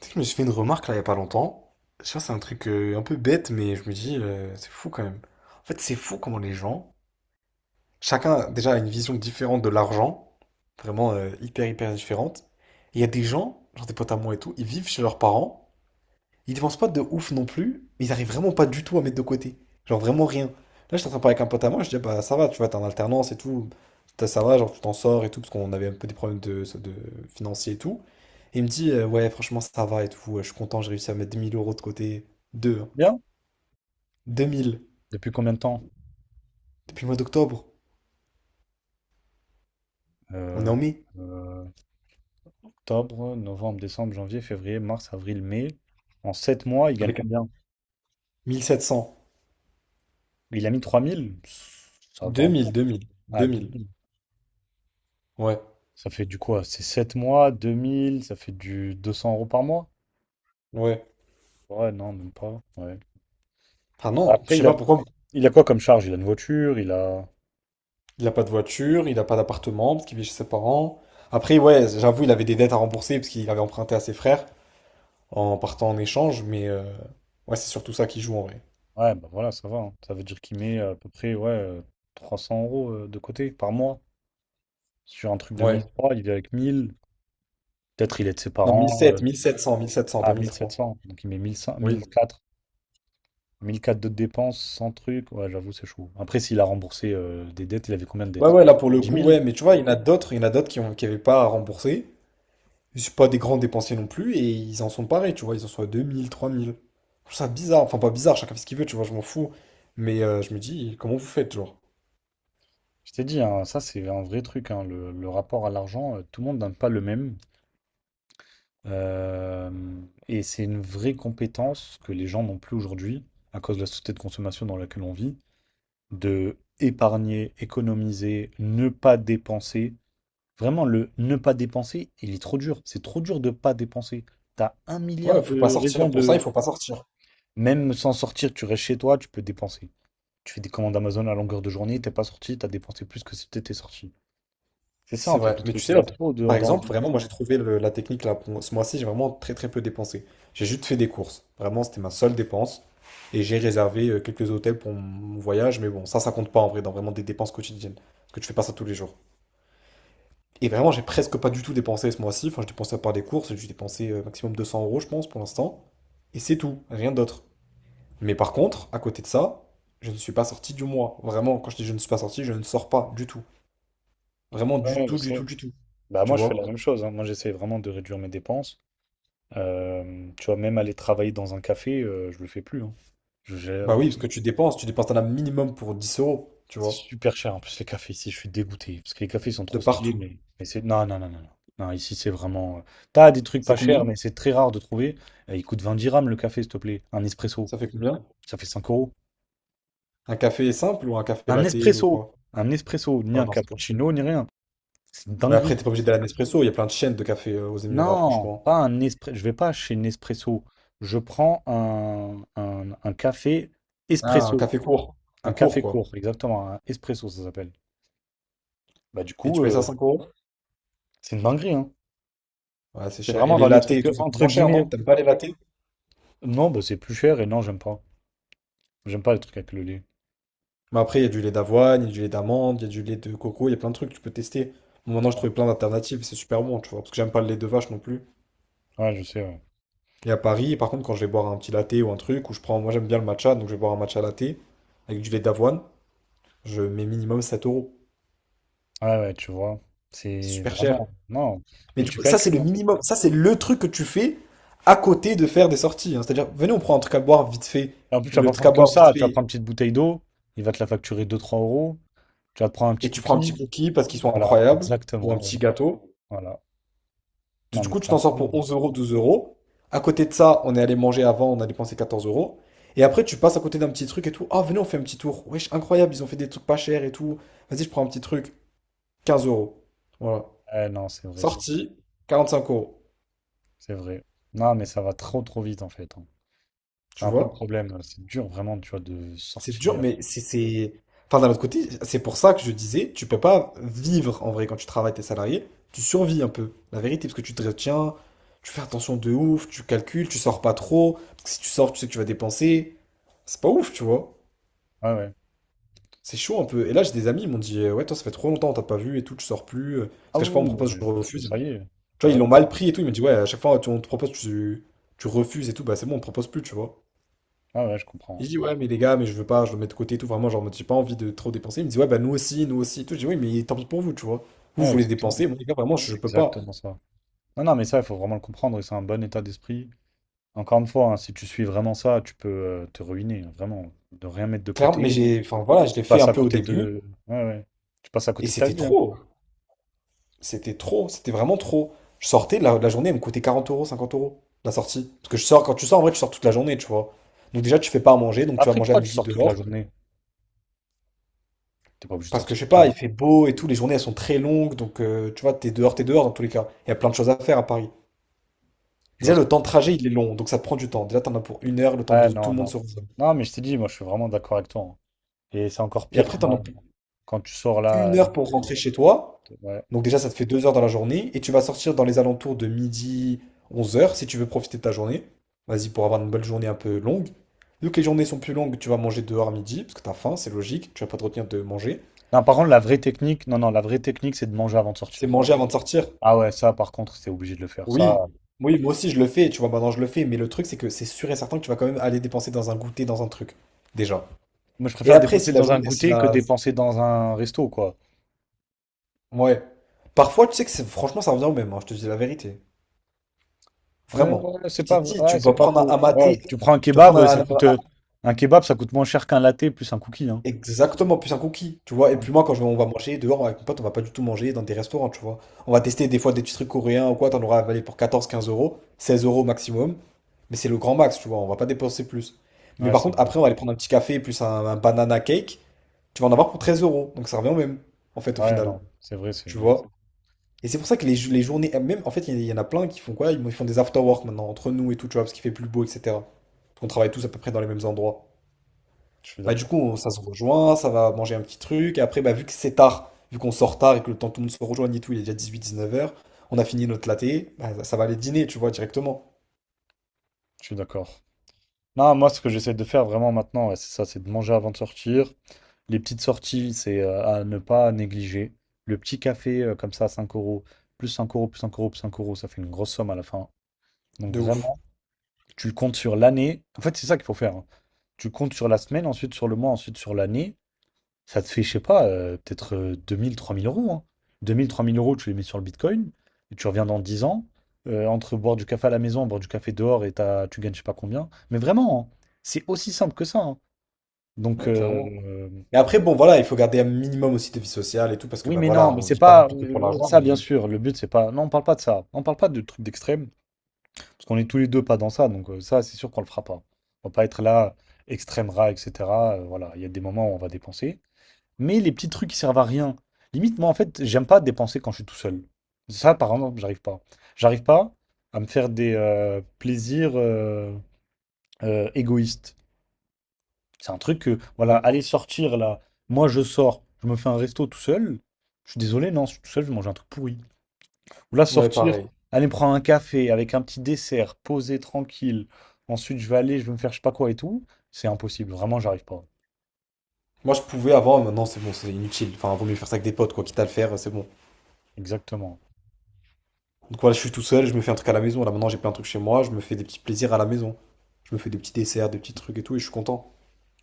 Tu sais que je me suis fait une remarque là il y a pas longtemps. Je sais pas, c'est un truc un peu bête, mais je me dis, c'est fou quand même. En fait, c'est fou comment les gens, chacun déjà a une vision différente de l'argent, vraiment hyper hyper différente. Et il y a des gens, genre des potes à moi et tout, ils vivent chez leurs parents, ils dépensent pas de ouf non plus, mais ils arrivent vraiment pas du tout à mettre de côté. Genre vraiment rien. Là, j'étais en train de parler avec un pote à moi, je dis, ah bah ça va, tu vois, t'es en alternance et tout. Ça va, genre tu t'en sors et tout, parce qu'on avait un peu des problèmes de financiers et tout. Et il me dit, ouais, franchement, ça va et tout, je suis content, j'ai réussi à mettre 2 000 € de côté. Deux, hein. Bien. Deux mille, Depuis combien de temps? depuis le mois d'octobre, on est Euh, en mai. euh, Octobre, novembre, décembre, janvier, février, mars, avril, mai. En 7 mois, il gagne Avec un combien? mille, sept cents. Il a mis 3000. Ça va Deux mille, encore. deux mille, deux Ah, deux mille. mille. Ouais, Ça fait du quoi? C'est 7 mois, 2000. Ça fait du 200 euros par mois? ouais. Ouais, non, même pas. Ouais. Ah non, je Après, sais pas pourquoi. il a quoi comme charge? Il a une voiture, il a... Il a pas de voiture, il a pas d'appartement parce qu'il vit chez ses parents. Après, ouais, j'avoue, il avait des dettes à rembourser parce qu'il avait emprunté à ses frères en partant en échange, mais ouais, c'est surtout ça qui joue en vrai. Ouais, bah voilà, ça va, hein. Ça veut dire qu'il met à peu près, ouais, 300 euros de côté par mois. Sur un truc de Ouais. 1003, il vit avec 1000. Peut-être il aide ses Non, parents. 1700, 1700, 1700, Ah, pas mille sept 1300. cents Donc il met mille cent, Oui. Mille quatre de dépenses, 100 trucs. Ouais, j'avoue, c'est chaud. Après, s'il a remboursé des dettes, il avait combien de Ouais, dettes? ouais, là pour le Dix coup, ouais, mille. mais tu vois, il y en a d'autres, il y en a d'autres qui ont, qui avaient pas à rembourser. Ils sont pas des grands dépensiers non plus et ils en sont parés, tu vois, ils en sont à 2000, 3000. Je trouve ça bizarre, enfin pas bizarre, chacun fait ce qu'il veut, tu vois, je m'en fous. Mais je me dis, comment vous faites, genre? Je t'ai dit, hein, ça, c'est un vrai truc, hein, le rapport à l'argent, tout le monde n'a pas le même. Euh, et c'est une vraie compétence que les gens n'ont plus aujourd'hui, à cause de la société de consommation dans laquelle on vit, de épargner, économiser, ne pas dépenser. Vraiment, le ne pas dépenser, il est trop dur. C'est trop dur de pas dépenser. T'as un milliard Ouais, faut pas de raisons sortir. Pour ça, il de... faut pas sortir. Même sans sortir, tu restes chez toi, tu peux dépenser. Tu fais des commandes Amazon à longueur de journée, t'es pas sorti, t'as dépensé plus que si t'étais sorti. C'est ça, C'est en fait, vrai, le mais tu truc. sais, Il y a là, trop de- par exemple, d'envie. vraiment, moi j'ai trouvé la technique là, pour ce mois-ci, j'ai vraiment très très peu dépensé. J'ai juste fait des courses. Vraiment, c'était ma seule dépense. Et j'ai réservé quelques hôtels pour mon voyage, mais bon, ça compte pas en vrai, dans vraiment des dépenses quotidiennes. Parce que tu fais pas ça tous les jours. Et vraiment, j'ai presque pas du tout dépensé ce mois-ci. Enfin, j'ai dépensé à part des courses, j'ai dû dépenser maximum 200 euros, je pense, pour l'instant. Et c'est tout, rien d'autre. Mais par contre, à côté de ça, je ne suis pas sorti du mois. Vraiment, quand je dis je ne suis pas sorti, je ne sors pas du tout. Vraiment, du Ouais, je tout, du sais. tout, du tout. Bah Tu moi je fais la vois? même chose, hein. Moi j'essaie vraiment de réduire mes dépenses. Tu vois, même aller travailler dans un café, je le fais plus, hein. Je- Bah oui, parce j'ai- que tu dépenses un as minimum pour 10 euros, tu C'est vois, super cher en plus les cafés ici, je suis dégoûté. Parce que les cafés ils sont de trop stylés, partout. Mais c'est. Non, non, non, non, non. Non, ici c'est vraiment. T'as des trucs C'est pas combien? chers, mais c'est très rare de trouver. Il coûte 20 dirhams le café, s'il te plaît. Un espresso, Ça fait combien? ça fait 5 euros. Un café simple ou un café Un latte ou espresso! quoi? Un espresso, Ah ni ouais, un non, c'est trop cher. cappuccino, ni rien. C'est une Ouais, après, t'es dinguerie. pas obligé d'aller à Nespresso, il y a plein de chaînes de café aux Émirats, Non, franchement. pas un espresso. Je vais pas chez Nespresso. Je prends un café Ah, un espresso. café court. Un Un court, café court, quoi. exactement, un espresso ça s'appelle. Bah du Et coup, tu payes ça 5 euros? c'est une dinguerie, hein. Ouais, c'est C'est cher. Et vraiment les dans les lattés et trucs tout, ça coûte entre moins cher, non? guillemets. T'aimes pas les lattés? Non, bah c'est plus cher et non, j'aime pas. J'aime pas les trucs avec le lait. Mais après, il y a du lait d'avoine, il y a du lait d'amande, il y a du lait de coco, il y a plein de trucs que tu peux tester. Bon, maintenant, j'ai Ouais, trouvé plein d'alternatives, c'est super bon, tu vois, parce que j'aime pas le lait de vache non plus. Ouais, je sais, ouais. Et à Paris, par contre, quand je vais boire un petit latte ou un truc, ou je prends, moi j'aime bien le matcha, donc je vais boire un matcha latte avec du lait d'avoine, je mets minimum 7 euros. Ah ouais, tu vois. C'est C'est super cher. vraiment. Non. Mais Mais du tu coup, ça c'est calcules, le hein. minimum, ça c'est le truc que tu fais à côté de faire des sorties, hein. C'est-à-dire, venez, on prend un truc à boire vite fait, Et en plus, tu et vas le pas truc à prendre que boire vite ça. Tu vas fait, prendre une petite bouteille d'eau, il va te la facturer deux, trois euros. Tu vas te prendre un et petit tu prends un petit cookie. cookie parce qu'ils sont Voilà, incroyables, ou un exactement, petit ouais. gâteau. Voilà. Non, Du mais coup, tu c'est t'en sors pour incroyable. 11 euros, 12 euros. À côté de ça, on est allé manger avant, on a dépensé 14 euros. Et après, tu passes à côté d'un petit truc et tout. Ah, venez, on fait un petit tour. Wesh, incroyable, ils ont fait des trucs pas chers et tout. Vas-y, je prends un petit truc. Quinze euros. Voilà. Eh, non, c'est vrai, Sorti, cinq euros. c'est vrai. Non, mais ça va trop trop vite en fait, hein. C'est Tu un peu le vois? problème. C'est dur vraiment, tu vois, de C'est dur, sortir. mais c'est. Enfin, d'un autre côté, c'est pour ça que je disais, tu peux pas vivre en vrai quand tu travailles, t'es salarié, tu survis un peu, la vérité, parce que tu te retiens, tu fais attention de ouf, tu calcules, tu sors pas trop, parce que si tu sors, tu sais que tu vas dépenser, c'est pas ouf, tu vois. Ah ouais. C'est chaud un peu. Et là, j'ai des amis, ils m'ont dit, ouais, toi, ça fait trop longtemps, on t'a pas vu et tout, tu sors plus, parce Ah qu'à chaque fois, on me oui, oui, non, propose, je mais parce que refuse. ça y est. Tu vois, ils Bah l'ont oui. mal pris et tout, ils m'ont dit, ouais, à chaque fois, on te propose, tu refuses et tout, bah c'est bon, on te propose plus, tu vois. Ah ouais, je Et comprends. je dis ouais, mais les gars, mais je veux pas, je le mets de côté et tout. Vraiment, genre, en mode, j'ai pas envie de trop dépenser. Il me dit, ouais, bah nous aussi et tout. Je dis, oui, mais tant pis pour vous, tu vois. Vous Ouais, voulez exactement. dépenser, moi, les gars, vraiment, je C'est peux pas. exactement ça. Non, non, mais ça, il faut vraiment le comprendre et c'est un bon état d'esprit. Encore une fois, hein, si tu suis vraiment ça, tu peux te ruiner, hein, vraiment. De rien mettre de Clairement, mais côté. j'ai, enfin, voilà, je Tu l'ai fait passes un à peu au côté début de. Ouais, ouais. Tu passes à et côté de ta c'était vie, hein. trop. C'était trop, c'était vraiment trop. Je sortais, la journée, elle me coûtait 40 euros, 50 euros, la sortie. Parce que je sors, quand tu sors, en vrai, tu sors toute la journée, tu vois. Donc, déjà, tu fais pas à manger, donc tu vas Après, manger à pourquoi tu midi sors toute la dehors. journée? T'es pas obligé de Parce que sortir je sais pas, il tout. fait beau et tout, les journées elles sont très longues, donc tu vois, t'es dehors dans tous les cas. Il y a plein de choses à faire à Paris. Je vois Déjà, ce le que. temps de trajet, il est long, donc ça te prend du temps. Déjà, t'en as pour 1 heure, le temps Ouais, de tout non, le monde non. se rejoindre. Non, mais je t'ai dit, moi, je suis vraiment d'accord avec toi, hein. Et c'est encore Et pire après, t'en as pour quand tu sors une là. heure pour rentrer chez toi. Ouais. Donc déjà, ça te fait 2 heures dans la journée. Et tu vas sortir dans les alentours de midi, 11 heures si tu veux profiter de ta journée. Vas-y, pour avoir une belle journée un peu longue. Vu que les journées sont plus longues, tu vas manger dehors à midi, parce que t'as faim, c'est logique. Tu vas pas te retenir de manger. Non, par contre, la vraie technique, non, non, la vraie technique, c'est de manger avant de C'est sortir. manger avant de sortir. Ah ouais, ça, par contre, c'est obligé de le faire. Ça, Oui, oui, moi aussi, je le fais. Tu vois, maintenant, je le fais. Mais le truc, c'est que c'est sûr et certain que tu vas quand même aller dépenser dans un goûter, dans un truc. Déjà. moi, je Et préfère après, si dépenser la dans un journée, si goûter que la, dépenser dans un resto, quoi. ouais. Parfois, tu sais que c'est franchement, ça revient au même, hein, je te dis la vérité. Vraiment. Ouais, c'est Je t'ai pas, dit, ouais, tu c'est peux pas prendre faux. un Ouais, maté, tu prends un tu peux prendre kebab, ça coûte, un kebab, ça coûte moins cher qu'un latte plus un cookie, hein. exactement, plus un cookie, tu vois. Et puis moi, quand on va manger dehors avec mon pote, on va pas du tout manger dans des restaurants, tu vois. On va tester des fois des petits trucs coréens ou quoi, t'en auras avalé pour quatorze quinze euros, 16 € maximum. Mais c'est le grand max, tu vois, on va pas dépenser plus. Mais Ouais, par c'est contre, vrai. après, on va aller prendre un petit café plus un banana cake, tu vas en avoir pour 13 euros. Donc ça revient au même, en fait, au Ouais, final. non, c'est vrai, c'est Tu vrai. vois. Et c'est pour ça que les journées, même en fait, il y en a plein qui font quoi? Ils font des after work maintenant, entre nous et tout, tu vois, parce qu'il fait plus beau, etc. Parce qu'on travaille tous à peu près dans les mêmes endroits. Je suis Bah, du d'accord. coup, ça se rejoint, ça va manger un petit truc. Et après, bah, vu que c'est tard, vu qu'on sort tard et que le temps que tout le monde se rejoigne et tout, il est déjà 18 h - 19 h, on a fini notre latte, bah, ça va aller dîner, tu vois, directement. Je suis d'accord. Non, moi, ce que j'essaie de faire vraiment maintenant, ouais, c'est ça, c'est de manger avant de sortir. Les petites sorties, c'est à ne pas négliger. Le petit café, comme ça, à 5 euros, plus 5 euros, plus 5 euros, plus 5 euros, ça fait une grosse somme à la fin. Donc De ouf. vraiment, tu comptes sur l'année. En fait, c'est ça qu'il faut faire, hein. Tu comptes sur la semaine, ensuite sur le mois, ensuite sur l'année. Ça te fait, je sais pas, peut-être deux mille, trois mille euros. Hein. Deux mille, trois mille euros, tu les mets sur le Bitcoin, et tu reviens dans 10 ans. Entre boire du café à la maison, boire du café dehors, et t'as- tu gagnes je sais pas combien. Mais vraiment, hein, c'est aussi simple que ça, hein. Donc, Ouais, clairement. Et après, bon, voilà, il faut garder un minimum aussi de vie sociale et tout, parce que, oui, bah, mais non, voilà, mais on c'est vit pas non pas plus que pour oh, l'argent, ça, bien mais. sûr. Le but, c'est pas. Non, on parle pas de ça. On parle pas de trucs d'extrême, parce qu'on est tous les deux pas dans ça. Donc, ça, c'est sûr qu'on le fera pas. On va pas être là, extrême rat, etc. Voilà, il y a des moments où on va dépenser. Mais les petits trucs qui servent à rien. Limite, moi, en fait, j'aime pas dépenser quand je suis tout seul. Ça, par exemple, j'arrive pas. J'arrive pas à me faire des plaisirs égoïstes. C'est un truc que, voilà, Ouais. aller sortir là, moi je sors, je me fais un resto tout seul. Je suis désolé, non, je suis tout seul, je vais manger un truc pourri. Ou là, Ouais, sortir, pareil. aller me prendre un café avec un petit dessert, posé, tranquille. Ensuite, je vais me faire je sais pas quoi et tout. C'est impossible, vraiment, j'arrive pas. Moi, je pouvais avant, maintenant, c'est bon, c'est inutile. Enfin, vaut mieux faire ça avec des potes, quoi. Quitte à le faire, c'est bon. Exactement. Donc, voilà, je suis tout seul, je me fais un truc à la maison. Là, maintenant, j'ai plein de trucs chez moi, je me fais des petits plaisirs à la maison. Je me fais des petits desserts, des petits trucs et tout, et je suis content.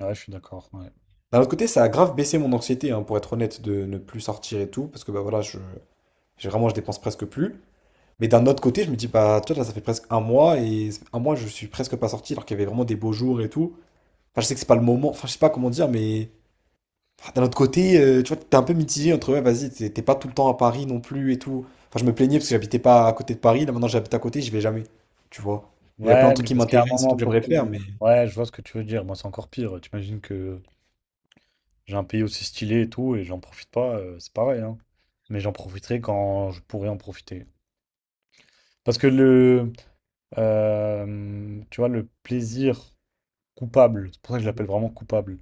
Ouais, je suis d'accord, ouais. D'un autre côté, ça a grave baissé mon anxiété, hein, pour être honnête, de ne plus sortir et tout, parce que, bah voilà, j'ai vraiment, je dépense presque plus. Mais d'un autre côté, je me dis, bah, tu vois, là, ça fait presque un mois, et un mois, je suis presque pas sorti, alors qu'il y avait vraiment des beaux jours et tout. Enfin, je sais que c'est pas le moment, enfin, je sais pas comment dire, mais d'un autre côté, tu vois, t'es un peu mitigé entre, ouais, vas-y, t'es pas tout le temps à Paris non plus et tout. Enfin, je me plaignais parce que j'habitais pas à côté de Paris. Là, maintenant, j'habite à côté, j'y vais jamais. Tu vois. Il y a plein de Ouais, trucs mais qui parce qu'il y a un m'intéressent et moment tout que pour j'aimerais tout. faire, mais. Ouais, je vois ce que tu veux dire. Moi, c'est encore pire. T'imagines que j'ai un pays aussi stylé et tout, et j'en profite pas, c'est pareil, hein. Mais j'en profiterai quand je pourrai en profiter. Parce que tu vois, le plaisir coupable, c'est pour ça que je l'appelle vraiment coupable,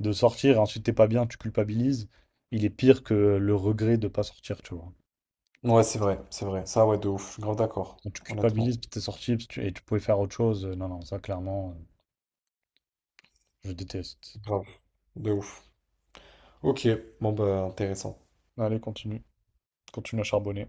de sortir et ensuite t'es pas bien, tu culpabilises, il est pire que le regret de pas sortir, tu vois. Ouais, c'est vrai, c'est vrai. Ça, ouais, de ouf. Je suis grave d'accord. Quand tu Honnêtement. culpabilises parce que t'es sorti parce que tu- et tu pouvais faire autre chose, non, non, ça clairement, je déteste. Grave. De ouf. Ok. Bon, bah, intéressant. Allez, continue. Continue à charbonner.